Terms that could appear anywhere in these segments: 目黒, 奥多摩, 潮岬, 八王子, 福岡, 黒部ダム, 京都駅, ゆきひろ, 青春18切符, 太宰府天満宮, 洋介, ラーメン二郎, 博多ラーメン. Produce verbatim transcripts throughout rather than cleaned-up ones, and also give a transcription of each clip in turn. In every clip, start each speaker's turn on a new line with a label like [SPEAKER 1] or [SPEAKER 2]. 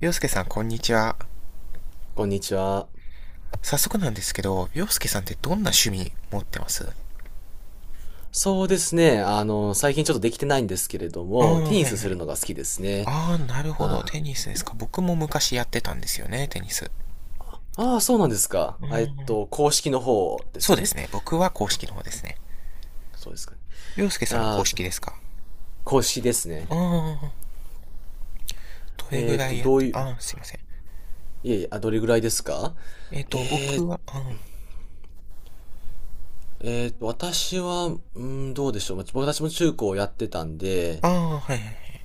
[SPEAKER 1] 洋介さん、こんにちは。
[SPEAKER 2] こんにちは。
[SPEAKER 1] 早速なんですけど、洋介さんってどんな趣味持ってます？
[SPEAKER 2] そうですね。あの、最近ちょっとできてないんですけれど
[SPEAKER 1] ああ、
[SPEAKER 2] も、テニ
[SPEAKER 1] はい
[SPEAKER 2] ス
[SPEAKER 1] は
[SPEAKER 2] する
[SPEAKER 1] い。
[SPEAKER 2] のが好きですね。
[SPEAKER 1] ああ、なるほど。
[SPEAKER 2] あ、
[SPEAKER 1] テニスですか。僕も昔やってたんですよね、テニス。
[SPEAKER 2] ああ、そうなんですか。
[SPEAKER 1] う
[SPEAKER 2] あえっ
[SPEAKER 1] ん。
[SPEAKER 2] と、公式の方です
[SPEAKER 1] そう
[SPEAKER 2] よ
[SPEAKER 1] で
[SPEAKER 2] ね。
[SPEAKER 1] すね。僕は公式の方ですね。
[SPEAKER 2] そうですかね。
[SPEAKER 1] 洋介
[SPEAKER 2] い
[SPEAKER 1] さんも
[SPEAKER 2] や
[SPEAKER 1] 公
[SPEAKER 2] ー、そ
[SPEAKER 1] 式ですか？
[SPEAKER 2] 公式ですね。
[SPEAKER 1] ああ、どれぐ
[SPEAKER 2] えーっ
[SPEAKER 1] ら
[SPEAKER 2] と、
[SPEAKER 1] いやっ
[SPEAKER 2] どう
[SPEAKER 1] て、
[SPEAKER 2] いう、
[SPEAKER 1] ああ、すいません。
[SPEAKER 2] いえいえ、あ、どれぐらいですか？
[SPEAKER 1] えっ、と、
[SPEAKER 2] え
[SPEAKER 1] 僕
[SPEAKER 2] ー、
[SPEAKER 1] は、あ
[SPEAKER 2] えーっと、私は、うーん、どうでしょう。まあ僕たちも中高をやってたん
[SPEAKER 1] あ、
[SPEAKER 2] で、
[SPEAKER 1] ああ、はいはい。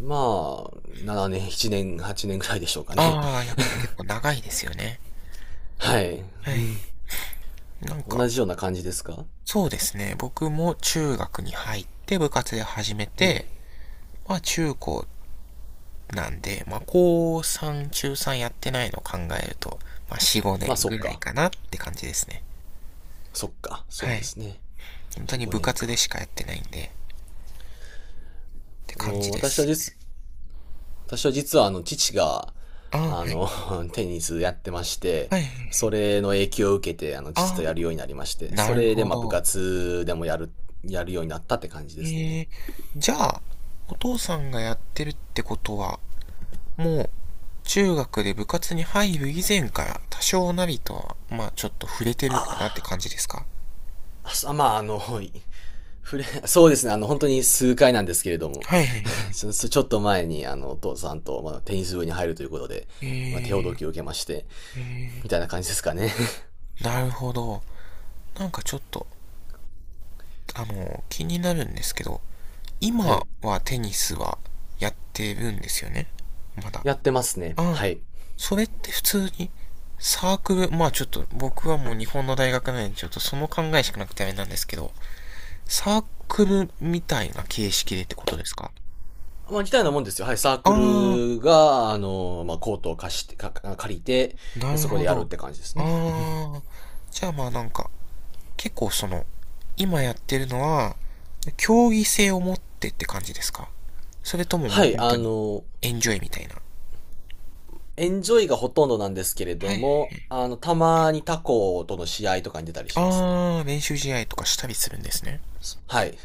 [SPEAKER 2] まあ、ななねん、ななねん、はちねんぐらいでしょうかね。
[SPEAKER 1] ああ、やっぱり結構長いですよね。
[SPEAKER 2] はい。
[SPEAKER 1] はい。なんか、
[SPEAKER 2] 同じような感じですか？
[SPEAKER 1] そうですね。僕も中学に入って部活で始め
[SPEAKER 2] うん。
[SPEAKER 1] て、まあ中高なんで、まあ、高さん、中さんやってないのを考えると、まあ、よん、5
[SPEAKER 2] まあ、
[SPEAKER 1] 年
[SPEAKER 2] そ
[SPEAKER 1] ぐ
[SPEAKER 2] っ
[SPEAKER 1] らい
[SPEAKER 2] か。
[SPEAKER 1] かなって感じですね。
[SPEAKER 2] そっか、そ
[SPEAKER 1] は
[SPEAKER 2] うで
[SPEAKER 1] い。
[SPEAKER 2] すね。
[SPEAKER 1] 本当
[SPEAKER 2] よん、
[SPEAKER 1] に部
[SPEAKER 2] ごねん
[SPEAKER 1] 活で
[SPEAKER 2] か。
[SPEAKER 1] しかやってないんで、って
[SPEAKER 2] あ
[SPEAKER 1] 感
[SPEAKER 2] の、
[SPEAKER 1] じで
[SPEAKER 2] 私は
[SPEAKER 1] す。
[SPEAKER 2] 実、私は実はあの、父が、
[SPEAKER 1] ああ、
[SPEAKER 2] あ
[SPEAKER 1] はい。
[SPEAKER 2] の、テニスやってまして、
[SPEAKER 1] はいはいはい。
[SPEAKER 2] それの影響を受けて、あの、父と
[SPEAKER 1] ああ、
[SPEAKER 2] やるようになりまして、
[SPEAKER 1] な
[SPEAKER 2] そ
[SPEAKER 1] る
[SPEAKER 2] れで、
[SPEAKER 1] ほ
[SPEAKER 2] まあ、部
[SPEAKER 1] ど。
[SPEAKER 2] 活でもやる、やるようになったって感じ
[SPEAKER 1] え
[SPEAKER 2] ですね。
[SPEAKER 1] ー、じゃあ、お父さんがやってるってことは、もう、中学で部活に入る以前から多少なりとは、まあちょっと触れて
[SPEAKER 2] あ
[SPEAKER 1] るかなって感じ
[SPEAKER 2] ー
[SPEAKER 1] ですか？
[SPEAKER 2] あ、あそまあ、あの、い触れ、そうですね、あの、本当に数回なんですけれども、
[SPEAKER 1] はいはいは い。
[SPEAKER 2] ちょちょっと前に、あの、お父さんと、まあ、テニス部に入るということで、
[SPEAKER 1] え
[SPEAKER 2] まあ、手ほど
[SPEAKER 1] ー、
[SPEAKER 2] きを受けまして、
[SPEAKER 1] え
[SPEAKER 2] みたいな感じですかね。
[SPEAKER 1] ー、なるほど。なんかちょっとあの、気になるんですけど、
[SPEAKER 2] は
[SPEAKER 1] 今
[SPEAKER 2] い。
[SPEAKER 1] はテニスはやってるんですよね、まだ。
[SPEAKER 2] やってますね。
[SPEAKER 1] あ、
[SPEAKER 2] はい。
[SPEAKER 1] それって普通にサークル、まあちょっと僕はもう日本の大学なんでちょっとその考えしかなくてあれなんですけど、サークルみたいな形式でってことですか？
[SPEAKER 2] まあ、似たようなもんですよ。はい、サー
[SPEAKER 1] あ
[SPEAKER 2] ク
[SPEAKER 1] あ、
[SPEAKER 2] ルが、あの、まあ、コートを貸して、か借りて、
[SPEAKER 1] な
[SPEAKER 2] で
[SPEAKER 1] る
[SPEAKER 2] そこ
[SPEAKER 1] ほ
[SPEAKER 2] でやるっ
[SPEAKER 1] ど。
[SPEAKER 2] て感じですね。
[SPEAKER 1] ああ、じゃあまあなんか、結構その、今やってるのは、競技性を持ってって感じですか？それともも
[SPEAKER 2] は
[SPEAKER 1] う
[SPEAKER 2] い、
[SPEAKER 1] 本
[SPEAKER 2] あ
[SPEAKER 1] 当に、
[SPEAKER 2] の、
[SPEAKER 1] エンジョイみたいな。
[SPEAKER 2] エンジョイがほとんどなんですけれ
[SPEAKER 1] は
[SPEAKER 2] ど
[SPEAKER 1] い。
[SPEAKER 2] も、あの、たまに他校との試合とかに出たりしますね。
[SPEAKER 1] あー、練習試合とかしたりするんですね。
[SPEAKER 2] はい。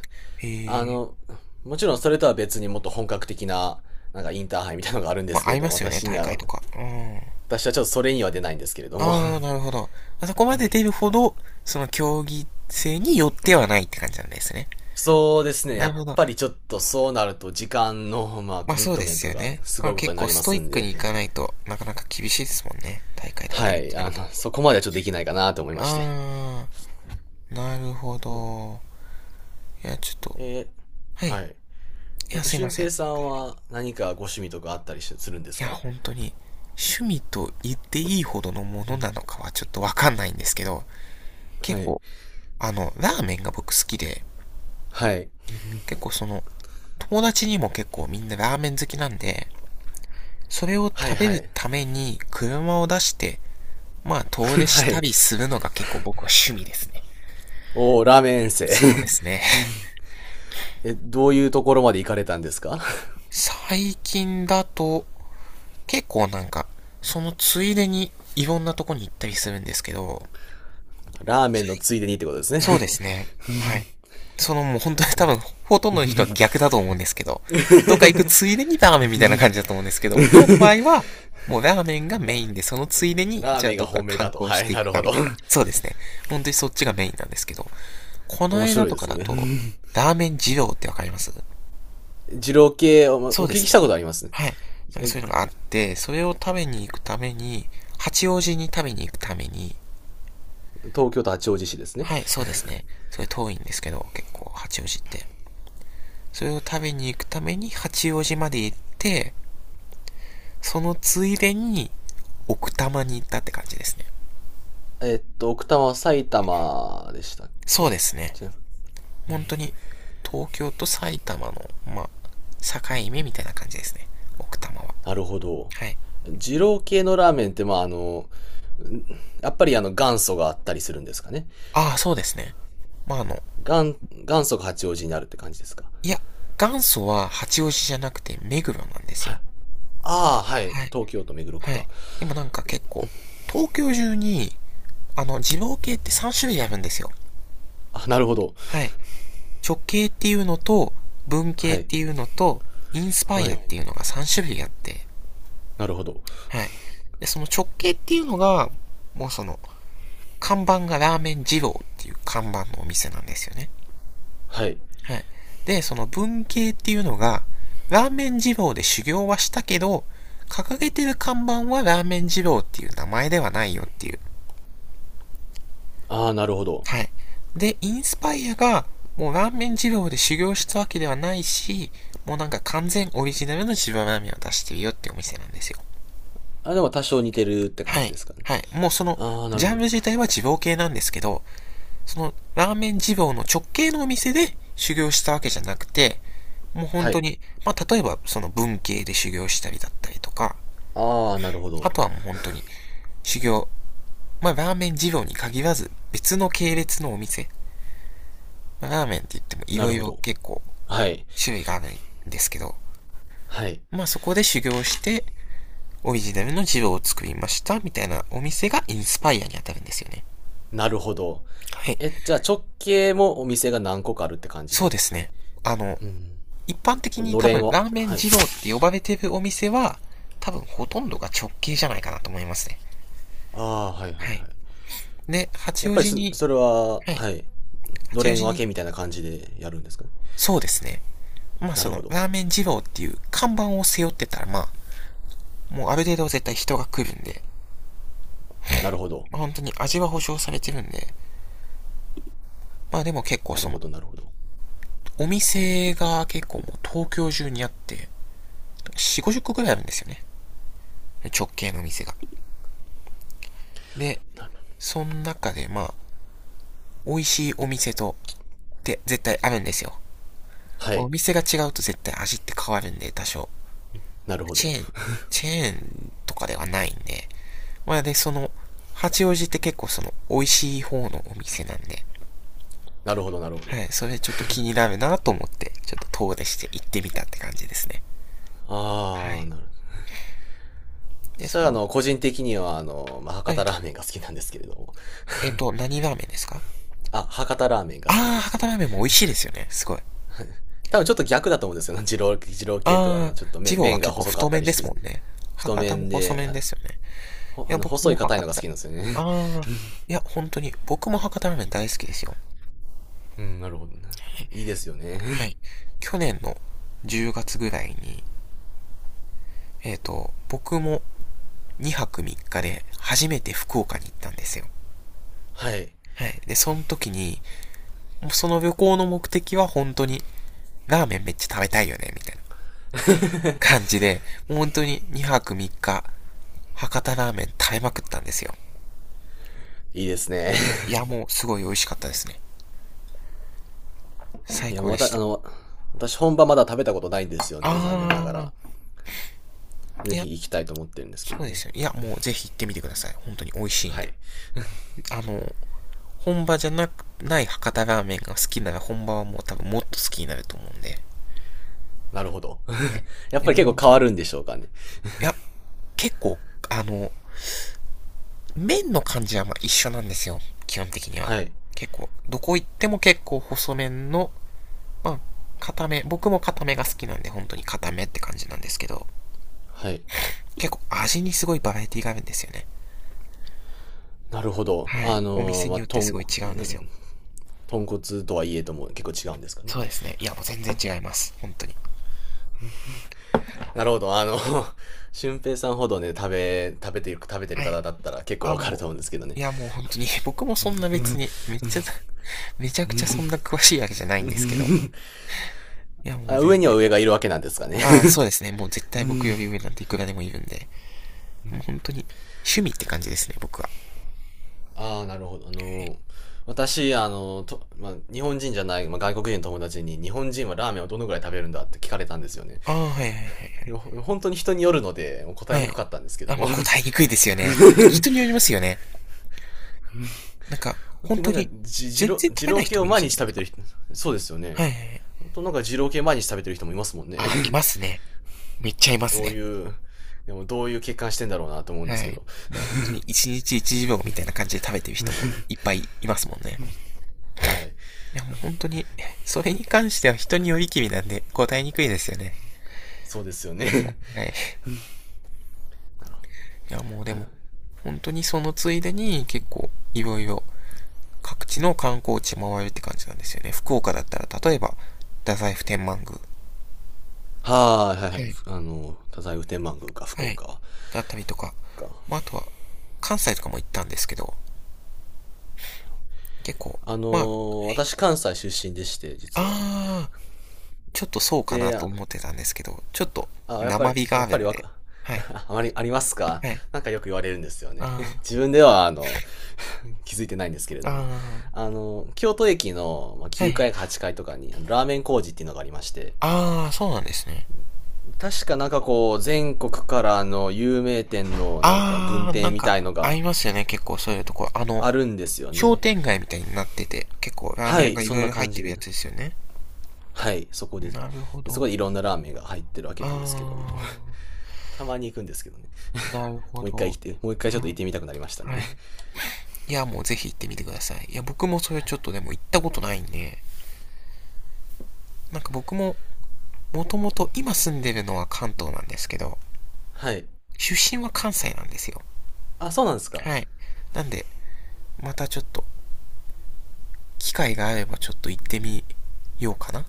[SPEAKER 2] あ
[SPEAKER 1] えー。
[SPEAKER 2] の、もちろんそれとは別にもっと本格的な、なんかインターハイみたいなのがあるんで
[SPEAKER 1] ま
[SPEAKER 2] す
[SPEAKER 1] あ、
[SPEAKER 2] け
[SPEAKER 1] 合
[SPEAKER 2] れ
[SPEAKER 1] い
[SPEAKER 2] ど
[SPEAKER 1] ま
[SPEAKER 2] も、
[SPEAKER 1] すよね、
[SPEAKER 2] 私に
[SPEAKER 1] 大会
[SPEAKER 2] は、
[SPEAKER 1] とか。うん。
[SPEAKER 2] 私はちょっとそれには出ないんですけれど
[SPEAKER 1] あ
[SPEAKER 2] も。
[SPEAKER 1] ー、なるほど。あそこまで出るほど、その競技性によってはないって感じなんですね。
[SPEAKER 2] そうですね。
[SPEAKER 1] な
[SPEAKER 2] や
[SPEAKER 1] る
[SPEAKER 2] っ
[SPEAKER 1] ほど。
[SPEAKER 2] ぱりちょっとそうなると時間の、まあ、
[SPEAKER 1] まあ
[SPEAKER 2] コミッ
[SPEAKER 1] そう
[SPEAKER 2] ト
[SPEAKER 1] で
[SPEAKER 2] メン
[SPEAKER 1] す
[SPEAKER 2] ト
[SPEAKER 1] よ
[SPEAKER 2] が
[SPEAKER 1] ね。
[SPEAKER 2] す
[SPEAKER 1] ま
[SPEAKER 2] ご
[SPEAKER 1] あ
[SPEAKER 2] いこと
[SPEAKER 1] 結
[SPEAKER 2] にな
[SPEAKER 1] 構
[SPEAKER 2] り
[SPEAKER 1] ス
[SPEAKER 2] ま
[SPEAKER 1] トイ
[SPEAKER 2] す
[SPEAKER 1] ッ
[SPEAKER 2] ん
[SPEAKER 1] ク
[SPEAKER 2] で。
[SPEAKER 1] にいかないとなかなか厳しいですもんね。大会とか出
[SPEAKER 2] は
[SPEAKER 1] るって
[SPEAKER 2] い、
[SPEAKER 1] な
[SPEAKER 2] あ
[SPEAKER 1] ると。
[SPEAKER 2] の、そこまではちょっとできないかなと思いまして。
[SPEAKER 1] あー、なるほ
[SPEAKER 2] うん。
[SPEAKER 1] ど。いや、ちょっと。
[SPEAKER 2] えー、
[SPEAKER 1] はい。い
[SPEAKER 2] はい。えっ
[SPEAKER 1] や、
[SPEAKER 2] と、
[SPEAKER 1] すいま
[SPEAKER 2] 俊
[SPEAKER 1] せん。い
[SPEAKER 2] 平さんは何かご趣味とかあったりしするんです
[SPEAKER 1] や、
[SPEAKER 2] か？
[SPEAKER 1] 本当に。趣味と言っていいほどのも
[SPEAKER 2] う
[SPEAKER 1] の
[SPEAKER 2] ん。
[SPEAKER 1] なのかはちょっとわかんないんですけど、
[SPEAKER 2] は
[SPEAKER 1] 結
[SPEAKER 2] い。
[SPEAKER 1] 構、あの、ラーメンが僕好きで、
[SPEAKER 2] はい。
[SPEAKER 1] 結構その、友達にも結構みんなラーメン好きなんで、それを
[SPEAKER 2] はい
[SPEAKER 1] 食べ
[SPEAKER 2] は
[SPEAKER 1] る
[SPEAKER 2] い。
[SPEAKER 1] ために車を出して、まあ 遠出し
[SPEAKER 2] は
[SPEAKER 1] た
[SPEAKER 2] い。
[SPEAKER 1] りするのが結構僕は趣味ですね。
[SPEAKER 2] おー、ラーメン遠征。
[SPEAKER 1] そうですね。
[SPEAKER 2] え、どういうところまで行かれたんですか？
[SPEAKER 1] 最近だと、結構なんか、そのついでにいろんなとこに行ったりするんですけど、
[SPEAKER 2] ラーメンのついでにってことですね。
[SPEAKER 1] そうですね。はい。そのもう本当に 多分、ほとんどの人は逆だと思うんですけど、どっか行くついでにラーメンみたいな感じだと思うんですけど、僕らの場合は、もうラーメンが
[SPEAKER 2] わ
[SPEAKER 1] メインで、そのついでに、
[SPEAKER 2] ラー
[SPEAKER 1] じゃあ
[SPEAKER 2] メンが
[SPEAKER 1] どっか
[SPEAKER 2] 本命だ
[SPEAKER 1] 観
[SPEAKER 2] と。
[SPEAKER 1] 光
[SPEAKER 2] は
[SPEAKER 1] し
[SPEAKER 2] い、
[SPEAKER 1] てい
[SPEAKER 2] な
[SPEAKER 1] く
[SPEAKER 2] る
[SPEAKER 1] か
[SPEAKER 2] ほ
[SPEAKER 1] み
[SPEAKER 2] ど。
[SPEAKER 1] たいな。そうですね。本当にそっちがメインなんですけど、こ の
[SPEAKER 2] 面
[SPEAKER 1] 間
[SPEAKER 2] 白い
[SPEAKER 1] と
[SPEAKER 2] で
[SPEAKER 1] か
[SPEAKER 2] す
[SPEAKER 1] だ
[SPEAKER 2] ね。
[SPEAKER 1] と、ラーメン二郎ってわかります？
[SPEAKER 2] 二郎系お、
[SPEAKER 1] そう
[SPEAKER 2] お
[SPEAKER 1] で
[SPEAKER 2] 聞き
[SPEAKER 1] す
[SPEAKER 2] し
[SPEAKER 1] ね。
[SPEAKER 2] たことありますね。
[SPEAKER 1] はい。なんか
[SPEAKER 2] え
[SPEAKER 1] そういうのがあって、それを食べに行くために、八王子に食べに行くために、
[SPEAKER 2] 東京都八王子市ですね。
[SPEAKER 1] はい、そうですね。それ遠いんですけど、結構、八王子って。それを食べに行くために八王子まで行って、そのついでに奥多摩に行ったって感じですね。
[SPEAKER 2] えっと、奥多摩、埼玉でしたっけ
[SPEAKER 1] そう
[SPEAKER 2] ね。
[SPEAKER 1] ですね。
[SPEAKER 2] 違う。
[SPEAKER 1] 本当に東京と埼玉の、まあ、境目みたいな感じですね。奥多摩は。
[SPEAKER 2] なるほど。
[SPEAKER 1] はい。
[SPEAKER 2] 二郎系のラーメンって、まあ、あの、んやっぱりあの元祖があったりするんですかね。
[SPEAKER 1] ああ、そうですね。まああの、
[SPEAKER 2] 元、元祖が八王子になるって感じですか。
[SPEAKER 1] いや、元祖は八王子じゃなくて目黒なんです
[SPEAKER 2] は
[SPEAKER 1] よ。
[SPEAKER 2] い。ああ、はい。
[SPEAKER 1] はい。
[SPEAKER 2] 東京都目黒区
[SPEAKER 1] はい。
[SPEAKER 2] か。
[SPEAKER 1] でもなんか結構、東京中に、あの、二郎系ってさん種類あるんですよ。
[SPEAKER 2] あ、なるほど。
[SPEAKER 1] はい。直系っていうのと、文系
[SPEAKER 2] は
[SPEAKER 1] っ
[SPEAKER 2] い。
[SPEAKER 1] ていうのと、インスパイ
[SPEAKER 2] は
[SPEAKER 1] アっ
[SPEAKER 2] い。
[SPEAKER 1] ていうのがさん種類あって、
[SPEAKER 2] なるほど。
[SPEAKER 1] はい。で、その直系っていうのが、もうその、看板がラーメン二郎っていう看板のお店なんですよね。
[SPEAKER 2] はい。
[SPEAKER 1] はい。で、その文系っていうのが、ラーメン二郎で修行はしたけど、掲げてる看板はラーメン二郎っていう名前ではないよっていう、
[SPEAKER 2] ああ、なるほど。
[SPEAKER 1] はい。で、インスパイアが、もうラーメン二郎で修行したわけではないし、もうなんか完全オリジナルの自分ラーメンを出してるよってお店なんですよ。
[SPEAKER 2] あ、でも多少似てるって感
[SPEAKER 1] は
[SPEAKER 2] じ
[SPEAKER 1] い。
[SPEAKER 2] ですかね。
[SPEAKER 1] はい。もうその、
[SPEAKER 2] ああ、な
[SPEAKER 1] ジ
[SPEAKER 2] るほ
[SPEAKER 1] ャン
[SPEAKER 2] ど。
[SPEAKER 1] ル自体は二郎系なんですけど、その、ラーメン二郎の直系のお店で修行したわけじゃなくて、もう本
[SPEAKER 2] は
[SPEAKER 1] 当
[SPEAKER 2] い。
[SPEAKER 1] に、まあ、例えばその文系で修行したりだったりとか、
[SPEAKER 2] ああ、なるほ
[SPEAKER 1] あ
[SPEAKER 2] ど。
[SPEAKER 1] とはもう本当に、修行、まあ、ラーメン二郎に限らず、別の系列のお店、まあ、ラーメンって言っても
[SPEAKER 2] な
[SPEAKER 1] 色
[SPEAKER 2] るほ
[SPEAKER 1] 々
[SPEAKER 2] ど。
[SPEAKER 1] 結構
[SPEAKER 2] はい。
[SPEAKER 1] 種類があるんですけど、
[SPEAKER 2] はい。
[SPEAKER 1] まあそこで修行して、オリジナルのジローを作りました、みたいなお店がインスパイアに当たるんですよね。
[SPEAKER 2] なるほど。
[SPEAKER 1] はい。
[SPEAKER 2] え、じゃあ直系もお店が何個かあるって感じな
[SPEAKER 1] そう
[SPEAKER 2] ん
[SPEAKER 1] で
[SPEAKER 2] です
[SPEAKER 1] す
[SPEAKER 2] かね。
[SPEAKER 1] ね。あの、
[SPEAKER 2] うん。
[SPEAKER 1] 一般的
[SPEAKER 2] この
[SPEAKER 1] に
[SPEAKER 2] の
[SPEAKER 1] 多
[SPEAKER 2] れん
[SPEAKER 1] 分
[SPEAKER 2] を。
[SPEAKER 1] ラーメン
[SPEAKER 2] はい。
[SPEAKER 1] 二郎って呼ばれてるお店は、多分ほとんどが直系じゃないかなと思いますね。
[SPEAKER 2] ああ、はいはい
[SPEAKER 1] はい。
[SPEAKER 2] はい。
[SPEAKER 1] で、八
[SPEAKER 2] やっ
[SPEAKER 1] 王
[SPEAKER 2] ぱり
[SPEAKER 1] 子
[SPEAKER 2] す
[SPEAKER 1] に、
[SPEAKER 2] それは、
[SPEAKER 1] はい。
[SPEAKER 2] はい。の
[SPEAKER 1] 八
[SPEAKER 2] れ
[SPEAKER 1] 王
[SPEAKER 2] ん
[SPEAKER 1] 子
[SPEAKER 2] 分
[SPEAKER 1] に、
[SPEAKER 2] けみたいな感じでやるんですかね。
[SPEAKER 1] そうですね。まあ
[SPEAKER 2] な
[SPEAKER 1] そ
[SPEAKER 2] るほ
[SPEAKER 1] の、
[SPEAKER 2] ど。
[SPEAKER 1] ラーメン二郎っていう看板を背負ってたら、まあ、もうある程度絶対人が来るんで、
[SPEAKER 2] なるほど。
[SPEAKER 1] まあ本当に味は保証されてるんで、まあでも結構
[SPEAKER 2] なる
[SPEAKER 1] その、
[SPEAKER 2] ほど、なるほど。
[SPEAKER 1] お店が結構もう東京中にあって、よん、ごじゅっこくらいあるんですよね。直系の店が。で、
[SPEAKER 2] な
[SPEAKER 1] その中でまあ、美味しいお店と、って絶対あるんですよ。
[SPEAKER 2] は
[SPEAKER 1] まあお
[SPEAKER 2] い。
[SPEAKER 1] 店が違うと絶対味って変わるんで、多少。
[SPEAKER 2] なるほ
[SPEAKER 1] チ
[SPEAKER 2] ど。
[SPEAKER 1] ェーン、チェーンとかではないんで。まあで、その、八王子って結構その、美味しい方のお店なんで。
[SPEAKER 2] なるほど、なるほど。
[SPEAKER 1] はい、それちょっと気になるなと思って、ちょっと遠出して行ってみたって感じですね。は
[SPEAKER 2] ああ、
[SPEAKER 1] い。
[SPEAKER 2] なるほど。
[SPEAKER 1] で、
[SPEAKER 2] そした
[SPEAKER 1] そ
[SPEAKER 2] ら、あ
[SPEAKER 1] の、
[SPEAKER 2] の、個人的には、あの、まあ、博多
[SPEAKER 1] え、
[SPEAKER 2] ラーメンが好きなんですけれども。
[SPEAKER 1] えっ、と、何ラーメンですか？
[SPEAKER 2] あ、博多ラーメンが好き
[SPEAKER 1] あ
[SPEAKER 2] で
[SPEAKER 1] ー、
[SPEAKER 2] し
[SPEAKER 1] 博多ラ
[SPEAKER 2] て。
[SPEAKER 1] ーメンも美味しいですよね。すごい。
[SPEAKER 2] 多分ちょっと逆だと思うんですよね。二郎二郎系とはね、
[SPEAKER 1] あー、
[SPEAKER 2] ちょっと
[SPEAKER 1] 二
[SPEAKER 2] め
[SPEAKER 1] 郎は
[SPEAKER 2] 麺が
[SPEAKER 1] 結構
[SPEAKER 2] 細か
[SPEAKER 1] 太
[SPEAKER 2] った
[SPEAKER 1] 麺
[SPEAKER 2] り
[SPEAKER 1] で
[SPEAKER 2] して
[SPEAKER 1] すも
[SPEAKER 2] ね。
[SPEAKER 1] んね。
[SPEAKER 2] 太
[SPEAKER 1] 博多も
[SPEAKER 2] 麺
[SPEAKER 1] 細
[SPEAKER 2] で、
[SPEAKER 1] 麺
[SPEAKER 2] あ、
[SPEAKER 1] ですよね。
[SPEAKER 2] ほ
[SPEAKER 1] い
[SPEAKER 2] あ
[SPEAKER 1] や、
[SPEAKER 2] の、
[SPEAKER 1] 僕
[SPEAKER 2] 細
[SPEAKER 1] も
[SPEAKER 2] い硬い
[SPEAKER 1] 博
[SPEAKER 2] のが好き
[SPEAKER 1] 多。
[SPEAKER 2] なんですよ
[SPEAKER 1] あ
[SPEAKER 2] ね。
[SPEAKER 1] ー、いや、本当に、僕も博多ラーメン大好きですよ。
[SPEAKER 2] うん、なるほどね。いいですよね。
[SPEAKER 1] はい。去年のじゅうがつぐらいに、えっ、と、僕もにはくみっかで初めて福岡に行ったんですよ。
[SPEAKER 2] はい。
[SPEAKER 1] はい。で、その時に、もうその旅行の目的は本当に、ラーメンめっちゃ食べたいよね、みたいな感じで、もう本当ににはくみっか、博多ラーメン食べまくったんですよ。
[SPEAKER 2] いいですね。
[SPEAKER 1] いや、もうすごい美味しかったですね。最
[SPEAKER 2] いや、
[SPEAKER 1] 高
[SPEAKER 2] ま
[SPEAKER 1] で
[SPEAKER 2] た、
[SPEAKER 1] し
[SPEAKER 2] あ
[SPEAKER 1] た。
[SPEAKER 2] の、私本場まだ食べたことないんですよ
[SPEAKER 1] あ
[SPEAKER 2] ね、残念なが
[SPEAKER 1] ー、
[SPEAKER 2] ら。
[SPEAKER 1] い
[SPEAKER 2] ぜ
[SPEAKER 1] や、
[SPEAKER 2] ひ行きたいと思ってるんです
[SPEAKER 1] そ
[SPEAKER 2] けど
[SPEAKER 1] うです
[SPEAKER 2] ね。
[SPEAKER 1] よ。いや、もうぜひ行ってみてください。本当に美味しいん
[SPEAKER 2] は
[SPEAKER 1] で。
[SPEAKER 2] い。
[SPEAKER 1] あの、本場じゃなく、ない博多ラーメンが好きなら本場はもう多分もっと好きになると思うんで。
[SPEAKER 2] なるほど。
[SPEAKER 1] は い。
[SPEAKER 2] やっ
[SPEAKER 1] いや、
[SPEAKER 2] ぱり
[SPEAKER 1] もう
[SPEAKER 2] 結構
[SPEAKER 1] 本当
[SPEAKER 2] 変
[SPEAKER 1] に。い
[SPEAKER 2] わるんでしょうかね。
[SPEAKER 1] や、結構、あの、麺の感じはまあ一緒なんですよ。基本的には。
[SPEAKER 2] はい。
[SPEAKER 1] 結構、どこ行っても結構細麺の、まあ、固め、僕も固めが好きなんで、本当に固めって感じなんですけど、
[SPEAKER 2] はい。
[SPEAKER 1] 結構味にすごいバラエティがあるんですよね。
[SPEAKER 2] なるほど。
[SPEAKER 1] はい。
[SPEAKER 2] あ
[SPEAKER 1] お
[SPEAKER 2] の
[SPEAKER 1] 店
[SPEAKER 2] ーま
[SPEAKER 1] に
[SPEAKER 2] あ、
[SPEAKER 1] よってす
[SPEAKER 2] 豚
[SPEAKER 1] ごい違う
[SPEAKER 2] 骨、
[SPEAKER 1] んですよ。
[SPEAKER 2] ん豚骨とはいえとも結構違うんですかね。
[SPEAKER 1] そうですね。いや、もう全然違います。本当に。
[SPEAKER 2] なるほど。あの、俊平さんほどね、食べ、食べてる、食べて
[SPEAKER 1] は
[SPEAKER 2] る
[SPEAKER 1] い。
[SPEAKER 2] 方だったら結構
[SPEAKER 1] あ、
[SPEAKER 2] わかる
[SPEAKER 1] も
[SPEAKER 2] と思うんですけどね。
[SPEAKER 1] う、いや、もう本当に、僕もそんな別に、めっちゃ、めちゃくちゃそんな詳しいわけじゃないんですけど。いや、もう
[SPEAKER 2] あ、
[SPEAKER 1] 全
[SPEAKER 2] 上に
[SPEAKER 1] 然。
[SPEAKER 2] は上がいるわけなんですかね。
[SPEAKER 1] ああ、そうですね。もう絶対僕より上なんていくらでもいるんで。もう本当に、趣味って感じですね、僕は。
[SPEAKER 2] ああ、なるほど。あ
[SPEAKER 1] は
[SPEAKER 2] のー、
[SPEAKER 1] い。
[SPEAKER 2] 私、あのー、と、まあ、日本人じゃない、まあ、外国人の友達に、日本人はラーメンをどのぐらい食べるんだって聞かれたんですよね。
[SPEAKER 1] ああ、はいはいはいは
[SPEAKER 2] ほ本当に人によるので、
[SPEAKER 1] い。
[SPEAKER 2] 答え
[SPEAKER 1] は
[SPEAKER 2] にく
[SPEAKER 1] い。
[SPEAKER 2] かったんですけ
[SPEAKER 1] あ、
[SPEAKER 2] ど
[SPEAKER 1] まあ、
[SPEAKER 2] も。
[SPEAKER 1] 答えにくいですよね。本当に人によりますよね。なんか、
[SPEAKER 2] 本
[SPEAKER 1] 本
[SPEAKER 2] 当に
[SPEAKER 1] 当
[SPEAKER 2] なんか、
[SPEAKER 1] に、
[SPEAKER 2] じ、二
[SPEAKER 1] 全
[SPEAKER 2] 郎、
[SPEAKER 1] 然食
[SPEAKER 2] 二
[SPEAKER 1] べな
[SPEAKER 2] 郎
[SPEAKER 1] い
[SPEAKER 2] 系
[SPEAKER 1] 人も
[SPEAKER 2] を
[SPEAKER 1] いる
[SPEAKER 2] 毎
[SPEAKER 1] じゃ
[SPEAKER 2] 日
[SPEAKER 1] ないで
[SPEAKER 2] 食
[SPEAKER 1] す
[SPEAKER 2] べて
[SPEAKER 1] か。
[SPEAKER 2] る人、そうですよ
[SPEAKER 1] は
[SPEAKER 2] ね。
[SPEAKER 1] いはいはい。
[SPEAKER 2] あとなんか二郎系毎日食べてる人もいますもんね。
[SPEAKER 1] あ、いますね。めっちゃいます
[SPEAKER 2] どう
[SPEAKER 1] ね。
[SPEAKER 2] いう、でもどういう欠陥してんだろうなと思うん
[SPEAKER 1] は
[SPEAKER 2] ですけ
[SPEAKER 1] い。
[SPEAKER 2] ど。
[SPEAKER 1] もう本当に一日いちびょうみたいな感じで食べてる人もいっぱいいますもんね。
[SPEAKER 2] はい。
[SPEAKER 1] いやもう本当に、それに関しては人によりきりなんで答えにくいですよね。
[SPEAKER 2] そうですよね。
[SPEAKER 1] はい。
[SPEAKER 2] なる
[SPEAKER 1] いやもうで
[SPEAKER 2] ほ
[SPEAKER 1] も、
[SPEAKER 2] ど。
[SPEAKER 1] 本当にそのついでに結構いろいろ各地の観光地回るって感じなんですよね。福岡だったら例えば、太宰府天満宮。は
[SPEAKER 2] はい、はいはいはい。
[SPEAKER 1] い。
[SPEAKER 2] あの、太宰府天満宮か、福
[SPEAKER 1] はい。
[SPEAKER 2] 岡は。
[SPEAKER 1] だったりとか、
[SPEAKER 2] か
[SPEAKER 1] まああとは、関西とかも行ったんですけど、結構、
[SPEAKER 2] あの
[SPEAKER 1] まあ、
[SPEAKER 2] ー私関西出身でして、実は。
[SPEAKER 1] あ、ちょっとそうかな
[SPEAKER 2] で、
[SPEAKER 1] と
[SPEAKER 2] あ、
[SPEAKER 1] 思ってたんですけど、ちょっと
[SPEAKER 2] あやっぱ
[SPEAKER 1] 生
[SPEAKER 2] り、
[SPEAKER 1] 火
[SPEAKER 2] や
[SPEAKER 1] が
[SPEAKER 2] っ
[SPEAKER 1] ある
[SPEAKER 2] ぱり
[SPEAKER 1] ん
[SPEAKER 2] わ
[SPEAKER 1] で。
[SPEAKER 2] か、
[SPEAKER 1] はい。
[SPEAKER 2] あまりありますか？
[SPEAKER 1] はい。
[SPEAKER 2] なんかよく言われるんですよね。
[SPEAKER 1] あ
[SPEAKER 2] 自分では、あの、気づいてないんですけれ
[SPEAKER 1] ー、
[SPEAKER 2] ども。
[SPEAKER 1] あ
[SPEAKER 2] あの、京都駅のまあ
[SPEAKER 1] ー、はい
[SPEAKER 2] 9
[SPEAKER 1] は
[SPEAKER 2] 階
[SPEAKER 1] い。
[SPEAKER 2] かはちかいとかに、あのラーメン工事っていうのがありまして、
[SPEAKER 1] あー、そうなんですね。
[SPEAKER 2] 確かなんかこう、全国からの有名店のなんか分
[SPEAKER 1] あー、な
[SPEAKER 2] 店
[SPEAKER 1] ん
[SPEAKER 2] み
[SPEAKER 1] か、
[SPEAKER 2] たいの
[SPEAKER 1] 合
[SPEAKER 2] が
[SPEAKER 1] いますよね、結構そういうところ。あの、
[SPEAKER 2] あるんですよ
[SPEAKER 1] 商
[SPEAKER 2] ね。
[SPEAKER 1] 店街みたいになってて、結構ラーメ
[SPEAKER 2] は
[SPEAKER 1] ン屋
[SPEAKER 2] い、
[SPEAKER 1] がい
[SPEAKER 2] そ
[SPEAKER 1] ろ
[SPEAKER 2] ん
[SPEAKER 1] い
[SPEAKER 2] な
[SPEAKER 1] ろ入っ
[SPEAKER 2] 感
[SPEAKER 1] て
[SPEAKER 2] じ
[SPEAKER 1] るや
[SPEAKER 2] で。
[SPEAKER 1] つですよね。
[SPEAKER 2] はい、そこで。
[SPEAKER 1] なるほ
[SPEAKER 2] でそこ
[SPEAKER 1] ど。
[SPEAKER 2] でいろんなラーメンが入ってるわけなんですけども。
[SPEAKER 1] あ
[SPEAKER 2] たまに行くんですけどね。
[SPEAKER 1] ー、なるほ
[SPEAKER 2] もう一回
[SPEAKER 1] ど。
[SPEAKER 2] 来て、もう一回ち
[SPEAKER 1] は
[SPEAKER 2] ょっ
[SPEAKER 1] い。
[SPEAKER 2] と行ってみたくなりました
[SPEAKER 1] は
[SPEAKER 2] ね。
[SPEAKER 1] い。いや、もうぜひ行ってみてください。いや、僕も それ
[SPEAKER 2] は
[SPEAKER 1] ちょっ
[SPEAKER 2] い。
[SPEAKER 1] とでも行ったことないんで、なんか僕も、もともと今住んでるのは関東なんですけど、
[SPEAKER 2] はい。
[SPEAKER 1] 出身は関西なんですよ。
[SPEAKER 2] あ、そうなんですか。
[SPEAKER 1] はい。なんで、またちょっと、機会があればちょっと行ってみようかな。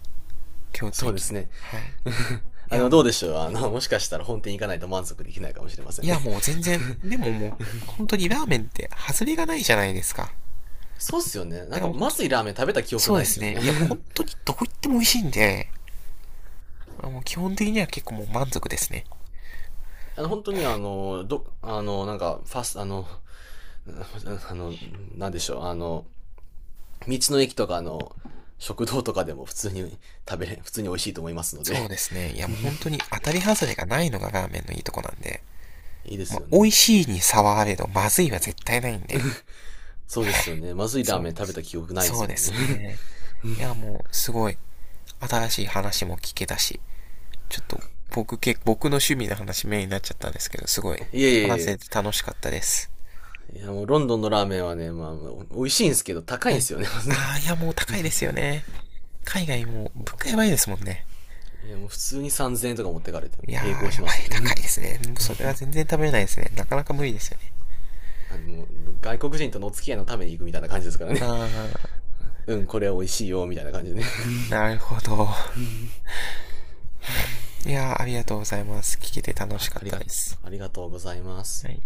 [SPEAKER 1] 京都
[SPEAKER 2] そうで
[SPEAKER 1] 駅
[SPEAKER 2] す
[SPEAKER 1] の。
[SPEAKER 2] ね。
[SPEAKER 1] はい。い
[SPEAKER 2] あ
[SPEAKER 1] や、
[SPEAKER 2] の、
[SPEAKER 1] も
[SPEAKER 2] どう
[SPEAKER 1] う、
[SPEAKER 2] でしょう、あの、もしかしたら本店行かないと満足できないかもしれません
[SPEAKER 1] い
[SPEAKER 2] ね。
[SPEAKER 1] やもう 全然、でももう、本当にラーメンって外れがないじゃないですか。
[SPEAKER 2] そうっすよね。な
[SPEAKER 1] だか
[SPEAKER 2] ん
[SPEAKER 1] ら
[SPEAKER 2] か、
[SPEAKER 1] もう本
[SPEAKER 2] ま
[SPEAKER 1] 当、
[SPEAKER 2] ずいラーメン食べた記憶
[SPEAKER 1] そう
[SPEAKER 2] ない
[SPEAKER 1] で
[SPEAKER 2] っす
[SPEAKER 1] す
[SPEAKER 2] よ
[SPEAKER 1] ね。
[SPEAKER 2] ね。
[SPEAKER 1] いやもう本 当にどこ行っても美味しいんで、もう基本的には結構もう満足ですね。
[SPEAKER 2] あの、本当にあの、ど、あの、なんか、ファス、あの、あの、なんでしょう。あの、道の駅とかの食堂とかでも普通に食べれ、普通に美味しいと思いますので。
[SPEAKER 1] そうですね。いやもう本当に当たり外れがないのがラーメンのいいとこなんで、
[SPEAKER 2] いいで
[SPEAKER 1] ま
[SPEAKER 2] す
[SPEAKER 1] あ、
[SPEAKER 2] よ
[SPEAKER 1] 美味
[SPEAKER 2] ね。
[SPEAKER 1] しいに差はあれど、まずいは絶対ないんで。
[SPEAKER 2] そうですよね。まずいラ
[SPEAKER 1] そ
[SPEAKER 2] ー
[SPEAKER 1] う
[SPEAKER 2] メン
[SPEAKER 1] で
[SPEAKER 2] 食べ
[SPEAKER 1] す。
[SPEAKER 2] た記憶ないで
[SPEAKER 1] そう
[SPEAKER 2] すも
[SPEAKER 1] で
[SPEAKER 2] んね。
[SPEAKER 1] すね。いや、もう、すごい、新しい話も聞けたし、ちょっと、僕け、僕の趣味の話メインになっちゃったんですけど、すごい、
[SPEAKER 2] いえいえい
[SPEAKER 1] 話せ
[SPEAKER 2] え。
[SPEAKER 1] て楽しかったです。
[SPEAKER 2] いや、もうロンドンのラーメンはね、まあ、美味しいんですけど、高い
[SPEAKER 1] は
[SPEAKER 2] んで
[SPEAKER 1] い。
[SPEAKER 2] すよね。
[SPEAKER 1] あー、い や、もう高いですよね。海外も、物価やばいですもんね。
[SPEAKER 2] いや、もう普通にさんぜんえんとか持ってかれて、も
[SPEAKER 1] いや
[SPEAKER 2] う並行
[SPEAKER 1] ー、
[SPEAKER 2] し
[SPEAKER 1] や
[SPEAKER 2] ま
[SPEAKER 1] ば
[SPEAKER 2] す
[SPEAKER 1] い、
[SPEAKER 2] よ
[SPEAKER 1] 高い
[SPEAKER 2] ね。
[SPEAKER 1] で すね。もうそれは全然食べれないですね。なかなか無理ですよね。
[SPEAKER 2] あの、外国人とのお付き合いのために行くみたいな感じですからね。
[SPEAKER 1] あ
[SPEAKER 2] うん、これは美味しいよ、みたいな感じでね。
[SPEAKER 1] ー、なるほど。いやー、ありがとうございます。聞けて楽
[SPEAKER 2] は
[SPEAKER 1] し
[SPEAKER 2] い、
[SPEAKER 1] かっ
[SPEAKER 2] あり
[SPEAKER 1] た
[SPEAKER 2] が
[SPEAKER 1] で
[SPEAKER 2] とう、
[SPEAKER 1] す。
[SPEAKER 2] ありがとうございます。
[SPEAKER 1] はい。